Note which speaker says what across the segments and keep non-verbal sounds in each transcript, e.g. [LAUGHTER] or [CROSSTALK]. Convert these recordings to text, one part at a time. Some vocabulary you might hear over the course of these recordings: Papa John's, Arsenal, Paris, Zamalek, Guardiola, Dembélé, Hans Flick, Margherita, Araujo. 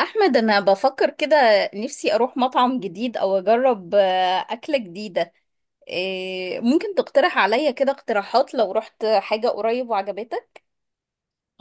Speaker 1: احمد، انا بفكر كده. نفسي اروح مطعم جديد او اجرب اكلة جديدة. ممكن تقترح عليا كده اقتراحات لو رحت حاجة قريب وعجبتك.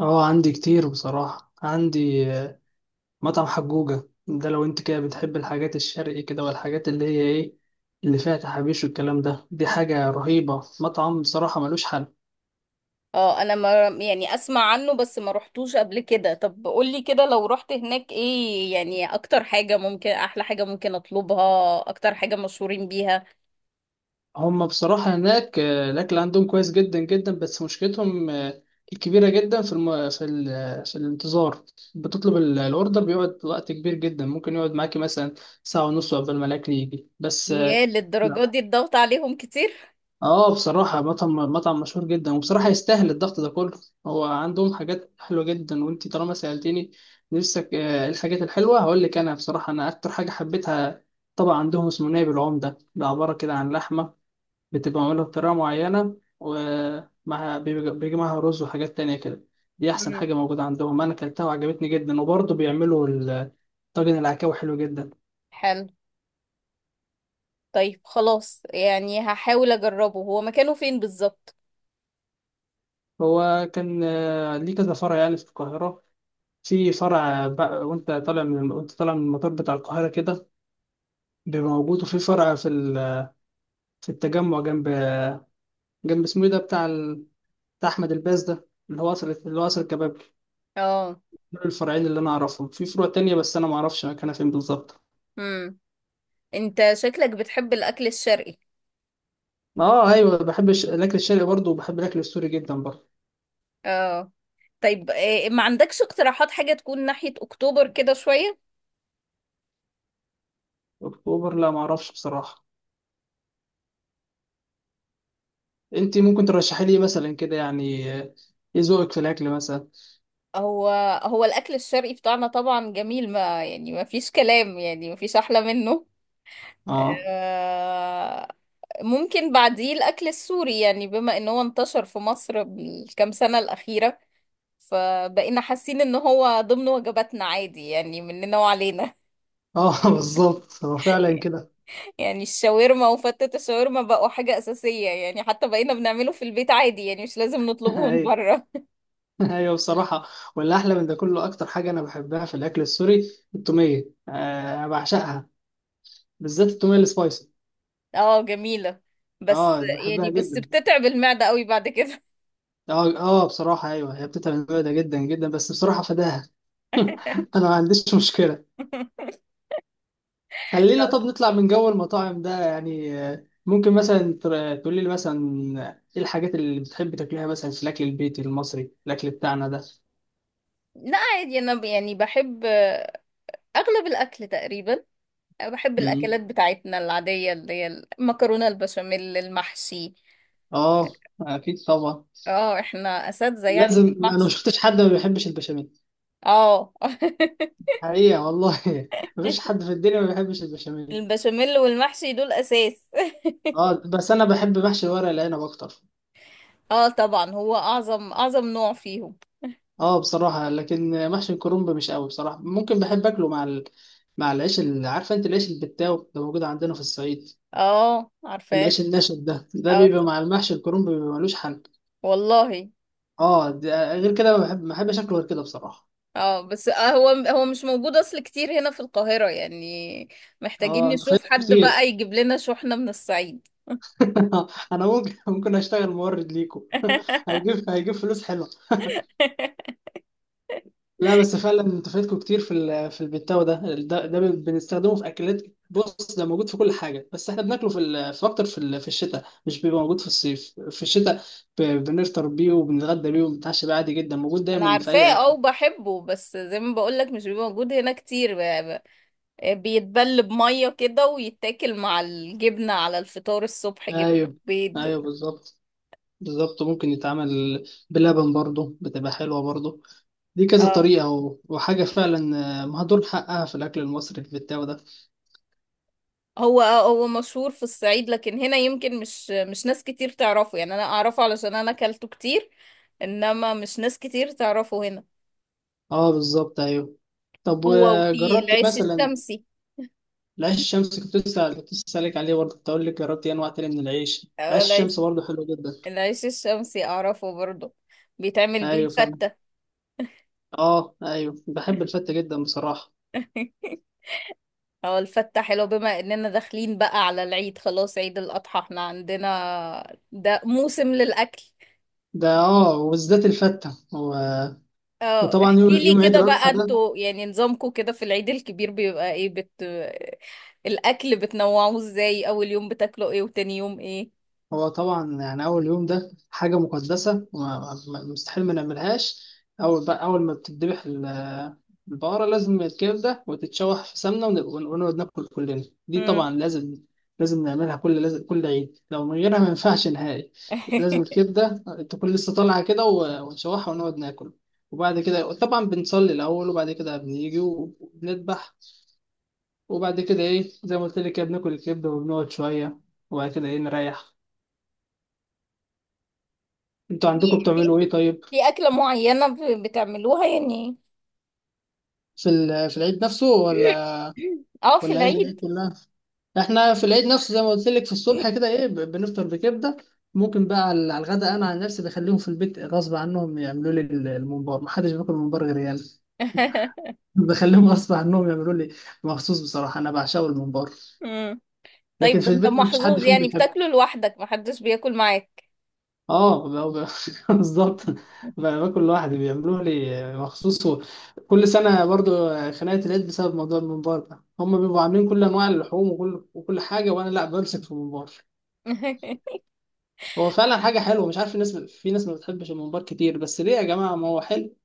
Speaker 2: اه، عندي كتير بصراحة. عندي مطعم حجوجة ده، لو انت كده بتحب الحاجات الشرقي كده والحاجات اللي هي ايه اللي فيها تحابيش والكلام ده، دي حاجة رهيبة. مطعم بصراحة ملوش حل.
Speaker 1: اه انا ما يعني اسمع عنه بس ما رحتوش قبل كده. طب قولي كده لو رحت هناك ايه يعني اكتر حاجة ممكن، احلى حاجة ممكن اطلبها، اكتر حاجة مشهورين بيها.
Speaker 2: هما بصراحة هناك الأكل عندهم كويس جدا جدا، بس مشكلتهم الكبيرة جدا في في الانتظار. بتطلب الأوردر بيقعد وقت كبير جدا، ممكن يقعد معاكي مثلا ساعة ونص قبل ما الأكل يجي، بس
Speaker 1: ياه، للدرجة
Speaker 2: لا.
Speaker 1: دي الضغط عليهم كتير؟
Speaker 2: اه، بصراحة مطعم مشهور جدا، وبصراحة يستاهل الضغط ده كله. هو عندهم حاجات حلوة جدا، وانت طالما سألتني نفسك إيه الحاجات الحلوة، هقول لك. انا بصراحة، انا اكتر حاجة حبيتها طبعا عندهم اسمه نايب العمدة. ده عبارة كده عن لحمة بتبقى معمولة بطريقة معينة، ومعها بيجي معاها رز وحاجات تانية كده. دي احسن
Speaker 1: مم.
Speaker 2: حاجة موجودة عندهم، انا اكلتها وعجبتني جدا. وبرضه بيعملوا طاجن العكاوي، حلو جدا.
Speaker 1: حلو. طيب خلاص يعني هحاول اجربه. هو مكانه فين بالظبط؟
Speaker 2: هو كان ليه كذا فرع يعني في القاهرة. في فرع بقى وانت طالع من المطار بتاع القاهرة كده، بيبقى موجود. وفي فرع في في التجمع، جنب اسمه ايه ده بتاع بتاع أحمد الباز ده، اللي هو قصر الكباب.
Speaker 1: اه.
Speaker 2: دول الفرعين اللي أنا أعرفهم. في فروع تانية بس أنا معرفش مكانها فين بالظبط.
Speaker 1: مم. انت شكلك بتحب الاكل الشرقي.
Speaker 2: اه أيوة، بحب الأكل الشرقي برضه، وبحب الأكل السوري جدا برضه.
Speaker 1: اه. طيب، ما عندكش اقتراحات حاجة تكون ناحية اكتوبر كده شوية؟
Speaker 2: أكتوبر لا معرفش بصراحة. أنت ممكن ترشحي لي مثلا كده، يعني إيه ذوقك في الأكل مثلا.
Speaker 1: هو هو الاكل الشرقي بتاعنا طبعا جميل، ما يعني ما فيش كلام، يعني ما فيش احلى منه.
Speaker 2: اه
Speaker 1: آه، ممكن بعديه الاكل السوري، يعني بما ان هو انتشر في مصر بالكام سنة الأخيرة فبقينا حاسين ان هو ضمن وجباتنا عادي، يعني مننا وعلينا.
Speaker 2: اه [LAUGHS] بالظبط، هو
Speaker 1: [LAUGHS]
Speaker 2: فعلا كده.
Speaker 1: يعني الشاورما وفتة الشاورما بقوا حاجة أساسية، يعني حتى بقينا بنعمله في البيت عادي، يعني مش لازم
Speaker 2: [LAUGHS]
Speaker 1: نطلبه من
Speaker 2: ايوه.
Speaker 1: بره.
Speaker 2: [LAUGHS] ايوه بصراحه. واللي احلى من ده كله، اكتر حاجه انا بحبها في الاكل السوري التوميه، آه أنا بعشقها، بالذات التوميه السبايسي.
Speaker 1: [LAUGHS] اه، جميلة. بس
Speaker 2: اه
Speaker 1: يعني
Speaker 2: بحبها
Speaker 1: بس
Speaker 2: جدا.
Speaker 1: بتتعب المعدة قوي بعد كده.
Speaker 2: اه اه بصراحه ايوه، هي بتتعب المعده ده جدا جدا، بس بصراحه فداها. [LAUGHS] انا ما عنديش مشكله.
Speaker 1: [LAUGHS]
Speaker 2: خلينا طب نطلع من جو المطاعم ده، يعني ممكن مثلا تقول لي مثلا ايه الحاجات اللي بتحب تاكلها مثلا في الاكل البيتي المصري، الاكل بتاعنا ده.
Speaker 1: لا عادي، أنا يعني بحب أغلب الأكل تقريبا. بحب
Speaker 2: مم.
Speaker 1: الأكلات بتاعتنا العادية اللي هي المكرونة، البشاميل، المحشي.
Speaker 2: اه اكيد طبعا.
Speaker 1: اه احنا أساتذة يعني
Speaker 2: لازم.
Speaker 1: في
Speaker 2: انا ما
Speaker 1: المحشي.
Speaker 2: شفتش حد ما بيحبش البشاميل،
Speaker 1: اه.
Speaker 2: حقيقة والله. [LAUGHS] مفيش
Speaker 1: [LAUGHS]
Speaker 2: حد في الدنيا ما بيحبش البشاميل.
Speaker 1: البشاميل والمحشي دول أساس.
Speaker 2: اه، بس انا بحب محشي ورق العنب اكتر.
Speaker 1: [LAUGHS] اه طبعا، هو أعظم أعظم نوع فيهم.
Speaker 2: اه بصراحة، لكن محشي الكرنب مش قوي بصراحة. ممكن بحب اكله مع مع العيش، اللي عارفة انت، العيش البتاو ده موجود عندنا في الصعيد.
Speaker 1: اه عارفاه.
Speaker 2: العيش الناشف ده، ده
Speaker 1: اه
Speaker 2: بيبقى
Speaker 1: ط-
Speaker 2: مع المحشي الكرنب بيبقى ملوش حل.
Speaker 1: والله.
Speaker 2: اه، ده غير كده ما بحبش اكله غير كده بصراحة.
Speaker 1: اه بس آه، هو مش موجود اصل كتير هنا في القاهرة يعني. محتاجين
Speaker 2: اه انت
Speaker 1: نشوف
Speaker 2: فايتكوا
Speaker 1: حد
Speaker 2: كتير.
Speaker 1: بقى يجيب لنا شحنة من الصعيد.
Speaker 2: [LAUGHS] انا ممكن اشتغل مورد ليكوا.
Speaker 1: [LAUGHS]
Speaker 2: [LAUGHS] هيجيب فلوس حلوة. لا بس فعلا انتوا فايتكوا كتير في في البتاو ده، ده بنستخدمه في اكلات. بص، ده موجود في كل حاجه، بس احنا بناكله في في الشتاء. مش بيبقى موجود في الصيف، في الشتاء بنفطر بيه وبنتغدى بيه وبنتعشى بيه، عادي جدا، موجود
Speaker 1: انا
Speaker 2: دايما في
Speaker 1: عارفاه،
Speaker 2: اي
Speaker 1: اه
Speaker 2: اكل.
Speaker 1: وبحبه، بس زي ما بقولك مش بيبقى موجود هنا كتير. بيتبل بمية كده ويتاكل مع الجبنة على الفطار الصبح، جبن،
Speaker 2: ايوه،
Speaker 1: بيض.
Speaker 2: ايوه بالظبط. بالظبط. ممكن يتعمل بلبن برضه، بتبقى حلوه برضه. دي كذا
Speaker 1: اه
Speaker 2: طريقه وحاجه فعلا مهدور حقها في الاكل المصري، البتاو ده.
Speaker 1: هو مشهور في الصعيد، لكن هنا يمكن مش ناس كتير تعرفه يعني. انا اعرفه علشان انا اكلته كتير، انما مش ناس كتير تعرفه هنا.
Speaker 2: اه بالظبط ايوه. طب
Speaker 1: هو، وفي
Speaker 2: وجربت
Speaker 1: العيش
Speaker 2: مثلا
Speaker 1: الشمسي.
Speaker 2: العيش الشمس؟ كنت لسه سالك عليه برضه، كنت اقول لك جربت إيه انواع تانية من العيش.
Speaker 1: أو
Speaker 2: العيش
Speaker 1: العيش
Speaker 2: الشمس برضه حلو جدا.
Speaker 1: العيش الشمسي اعرفه برضه. بيتعمل بيه
Speaker 2: ايوه فاهم.
Speaker 1: الفتة.
Speaker 2: اه ايوه، بحب الفته جدا بصراحه.
Speaker 1: [LAUGHS] هو الفتة حلو، بما اننا داخلين بقى على العيد خلاص، عيد الاضحى احنا عندنا ده موسم للاكل.
Speaker 2: ده اه، وبالذات الفته و...
Speaker 1: اه
Speaker 2: وطبعا
Speaker 1: احكي
Speaker 2: يوم
Speaker 1: لي
Speaker 2: يوم عيد
Speaker 1: كده بقى،
Speaker 2: الاضحى ده.
Speaker 1: انتوا يعني نظامكم كده في العيد الكبير بيبقى ايه؟ بت الاكل بتنوعوه ازاي؟ اول يوم بتاكلوا ايه وتاني يوم ايه؟
Speaker 2: هو طبعا، يعني أول يوم ده حاجة مقدسة مستحيل ما نعملهاش. أول بقى أول ما بتذبح البقرة، لازم الكبدة وتتشوح في سمنة ونقعد ناكل كلنا. دي
Speaker 1: مم.
Speaker 2: طبعا لازم، لازم نعملها كل، لازم كل عيد، لو من غيرها ما ينفعش نهائي. لازم
Speaker 1: [LAUGHS]
Speaker 2: الكبدة تكون لسه طالعة كده ونشوحها ونقعد ناكل. وبعد كده طبعا بنصلي الأول، وبعد كده بنيجي وبنذبح، وبعد كده إيه، زي ما قلت لك كده، بناكل الكبدة وبنقعد شوية، وبعد كده إيه، نريح. انتوا عندكم
Speaker 1: في
Speaker 2: بتعملوا ايه طيب،
Speaker 1: في اكلة معينة بتعملوها يعني؟
Speaker 2: في في العيد نفسه، ولا
Speaker 1: اه في
Speaker 2: ولا ايام العيد
Speaker 1: العيد.
Speaker 2: كلها؟ احنا في العيد نفسه، زي ما قلت لك، في الصبح كده ايه، بنفطر بكبده. ممكن بقى على الغداء، انا عن نفسي بخليهم في البيت غصب عنهم يعملوا لي الممبار. محدش بياكل ممبار غير يعني [LAUGHS]
Speaker 1: [LAUGHS]
Speaker 2: بخليهم غصب عنهم يعملوا لي مخصوص. بصراحه انا بعشقه الممبار،
Speaker 1: مم.
Speaker 2: لكن
Speaker 1: طيب،
Speaker 2: في
Speaker 1: ده انت
Speaker 2: البيت مفيش حد
Speaker 1: محظوظ
Speaker 2: فيهم
Speaker 1: يعني،
Speaker 2: بيحب.
Speaker 1: بتاكله لوحدك محدش بياكل معاك.
Speaker 2: اه [LAUGHS] بالظبط.
Speaker 1: [LAUGHS]
Speaker 2: باكل لوحدي، بيعملوه لي مخصوص كل سنه برضو خناقه العيد بسبب موضوع الممبار ده. هم بيبقوا عاملين كل انواع اللحوم وكل حاجه، وانا لا، بمسك في الممبار. هو فعلا حاجه حلوه، مش عارف الناس في ناس ما بتحبش الممبار كتير، بس ليه يا جماعه، ما هو حلو.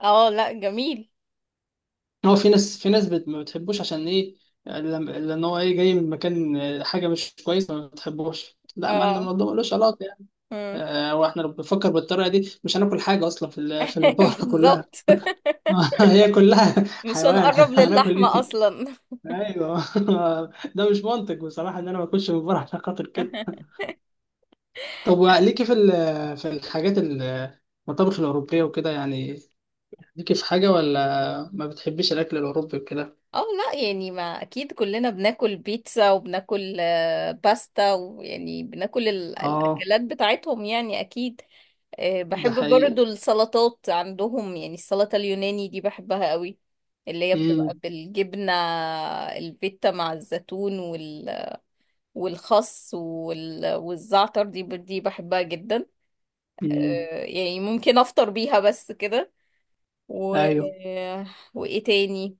Speaker 1: اه لا جميل.
Speaker 2: هو في ناس، ما بتحبوش، عشان ايه؟ لان هو ايه، جاي من مكان حاجه مش كويسه، ما بتحبوش. لا، ما
Speaker 1: اه.
Speaker 2: الموضوع ملوش علاقه يعني.
Speaker 1: مم.
Speaker 2: واحنا لو بنفكر بالطريقه دي، مش هناكل حاجه اصلا في في
Speaker 1: [LAUGHS]
Speaker 2: البقره [LAUGHS] كلها.
Speaker 1: بالظبط.
Speaker 2: [LAUGHS] هي كلها
Speaker 1: مش
Speaker 2: حيوان، [LAUGHS]
Speaker 1: هنقرب
Speaker 2: هناكل
Speaker 1: للحمة
Speaker 2: ايه؟
Speaker 1: اصلا.
Speaker 2: ايوه. [LAUGHS] ده مش منطق بصراحه ان انا ما اكلش من بره عشان خاطر كده.
Speaker 1: [LAUGHS]
Speaker 2: طب وليكي في المطابخ الاوروبيه وكده يعني؟ ليكي في حاجه ولا ما بتحبيش الاكل الاوروبي وكده؟
Speaker 1: اه لا يعني، ما اكيد كلنا بناكل بيتزا وبناكل باستا، ويعني بناكل
Speaker 2: اه
Speaker 1: الاكلات بتاعتهم يعني، اكيد.
Speaker 2: ده
Speaker 1: بحب
Speaker 2: حقيقه.
Speaker 1: برضو السلطات عندهم، يعني السلطة اليوناني دي بحبها قوي. اللي هي بتبقى
Speaker 2: امم.
Speaker 1: بالجبنة الفيتا مع الزيتون والخس والزعتر، دي دي بحبها جدا.
Speaker 2: امم.
Speaker 1: يعني ممكن افطر بيها بس كده. و...
Speaker 2: ايوه،
Speaker 1: وايه تاني؟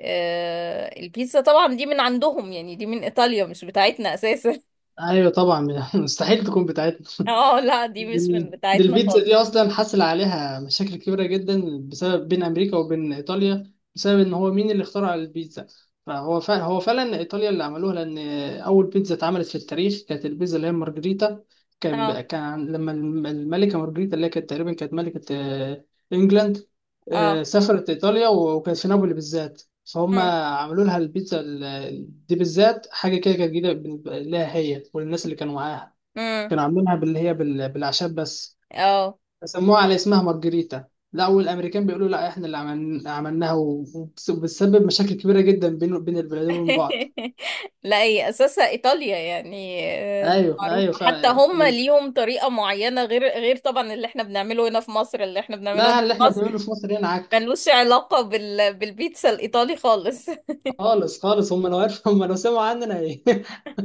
Speaker 1: البيتزا طبعا دي من عندهم، يعني دي من ايطاليا مش بتاعتنا اساسا. [LAUGHS]
Speaker 2: ايوه طبعا، [LAUGHS] مستحيل تكون بتاعتنا.
Speaker 1: اه لا دي مش من
Speaker 2: دي
Speaker 1: بتاعتنا
Speaker 2: البيتزا دي
Speaker 1: خالص.
Speaker 2: اصلا حصل عليها مشاكل كبيره جدا، بسبب بين امريكا وبين ايطاليا، بسبب ان هو مين اللي اخترع البيتزا. فهو فعلا، هو فعلا ايطاليا اللي عملوها، لان اول بيتزا اتعملت في التاريخ كانت البيتزا اللي هي مارجريتا.
Speaker 1: اه.
Speaker 2: كان لما الملكه مارجريتا، اللي هي كانت تقريبا كانت ملكه انجلاند،
Speaker 1: اه.
Speaker 2: سافرت ايطاليا وكانت في نابولي بالذات، فهم
Speaker 1: امم.
Speaker 2: عملوا لها البيتزا دي بالذات. حاجه كده كانت جديده بالنسبة لها هي وللناس اللي كانوا معاها.
Speaker 1: امم.
Speaker 2: كانوا عاملينها باللي هي بالاعشاب بس،
Speaker 1: اه.
Speaker 2: سموها على اسمها مارجريتا. لا، والامريكان بيقولوا لا، احنا اللي عملناها، وبتسبب مشاكل كبيره جدا بين البلدين وبين بعض.
Speaker 1: [LAUGHS] لا هي اساسا ايطاليا يعني. دي
Speaker 2: ايوه،
Speaker 1: معروفه،
Speaker 2: ايوه
Speaker 1: حتى
Speaker 2: فعلا،
Speaker 1: هم ليهم طريقه معينه، غير طبعا اللي احنا بنعمله هنا في مصر. اللي احنا بنعمله
Speaker 2: لا،
Speaker 1: هنا في
Speaker 2: اللي احنا
Speaker 1: مصر
Speaker 2: بنعمله في مصر هنا عك،
Speaker 1: ملوش علاقه بالبيتزا الايطالي خالص. [LAUGHS]
Speaker 2: خالص خالص. هم لو عرفوا، هم لو سمعوا عننا،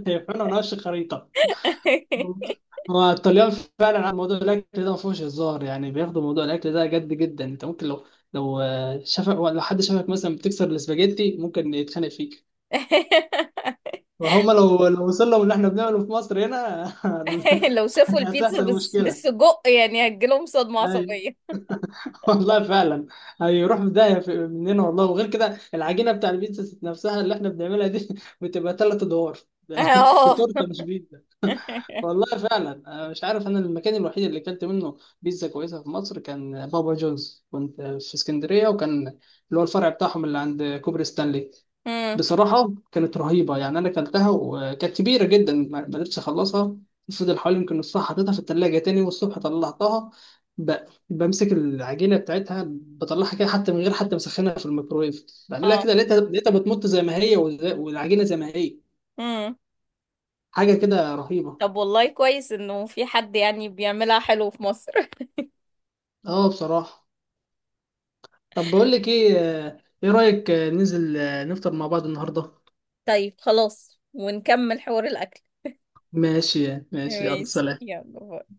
Speaker 2: هيفرقوا [LAUGHS] نقش الخريطه. هو الطليان فعلا على موضوع الاكل ده ما فيهوش هزار، يعني بياخدوا موضوع الاكل ده جد جدا. انت ممكن لو لو شافك، لو حد شافك مثلا بتكسر الاسباجيتي، ممكن يتخانق فيك. وهم لو لو وصل لهم اللي احنا بنعمله في مصر هنا،
Speaker 1: لو شافوا
Speaker 2: [LAUGHS]
Speaker 1: البيتزا
Speaker 2: هتحصل
Speaker 1: بس
Speaker 2: مشكله.
Speaker 1: بالسجق يعني هتجيلهم صدمه
Speaker 2: اي.
Speaker 1: عصبيه.
Speaker 2: [LAUGHS] والله فعلا، هيروح في داهيه مننا والله. وغير كده، العجينه بتاع البيتزا ذات نفسها اللي احنا بنعملها دي، [LAUGHS] بتبقى ثلاث ادوار. [LAUGHS] دي
Speaker 1: اه.
Speaker 2: تورته مش بيتزا.
Speaker 1: [LAUGHS]
Speaker 2: والله فعلا، أنا مش عارف. انا المكان الوحيد اللي اكلت منه بيتزا كويسه في مصر كان بابا جونز، كنت في اسكندريه، وكان اللي هو الفرع بتاعهم اللي عند كوبري ستانلي.
Speaker 1: امم.
Speaker 2: بصراحة كانت رهيبة، يعني أنا أكلتها وكانت كبيرة جدا، ما قدرتش أخلصها. فضل حوالي يمكن نصها، حطيتها في التلاجة، تاني والصبح طلعتها، ب... بمسك العجينة بتاعتها، بطلعها كده، حتى من غير حتى مسخنها في الميكرويف، بعملها
Speaker 1: اه.
Speaker 2: كده، لقيتها بتمط زي ما هي، والعجينة زي ما هي.
Speaker 1: امم.
Speaker 2: حاجة كده رهيبة.
Speaker 1: طب والله كويس انه في حد يعني بيعملها حلو في مصر.
Speaker 2: أه بصراحة. طب بقول لك إيه، إيه رأيك ننزل نفطر مع بعض النهاردة؟
Speaker 1: [LAUGHS] طيب خلاص، ونكمل حوار الاكل.
Speaker 2: ماشي ماشي، يلا
Speaker 1: ماشي،
Speaker 2: سلام.
Speaker 1: يلا باي.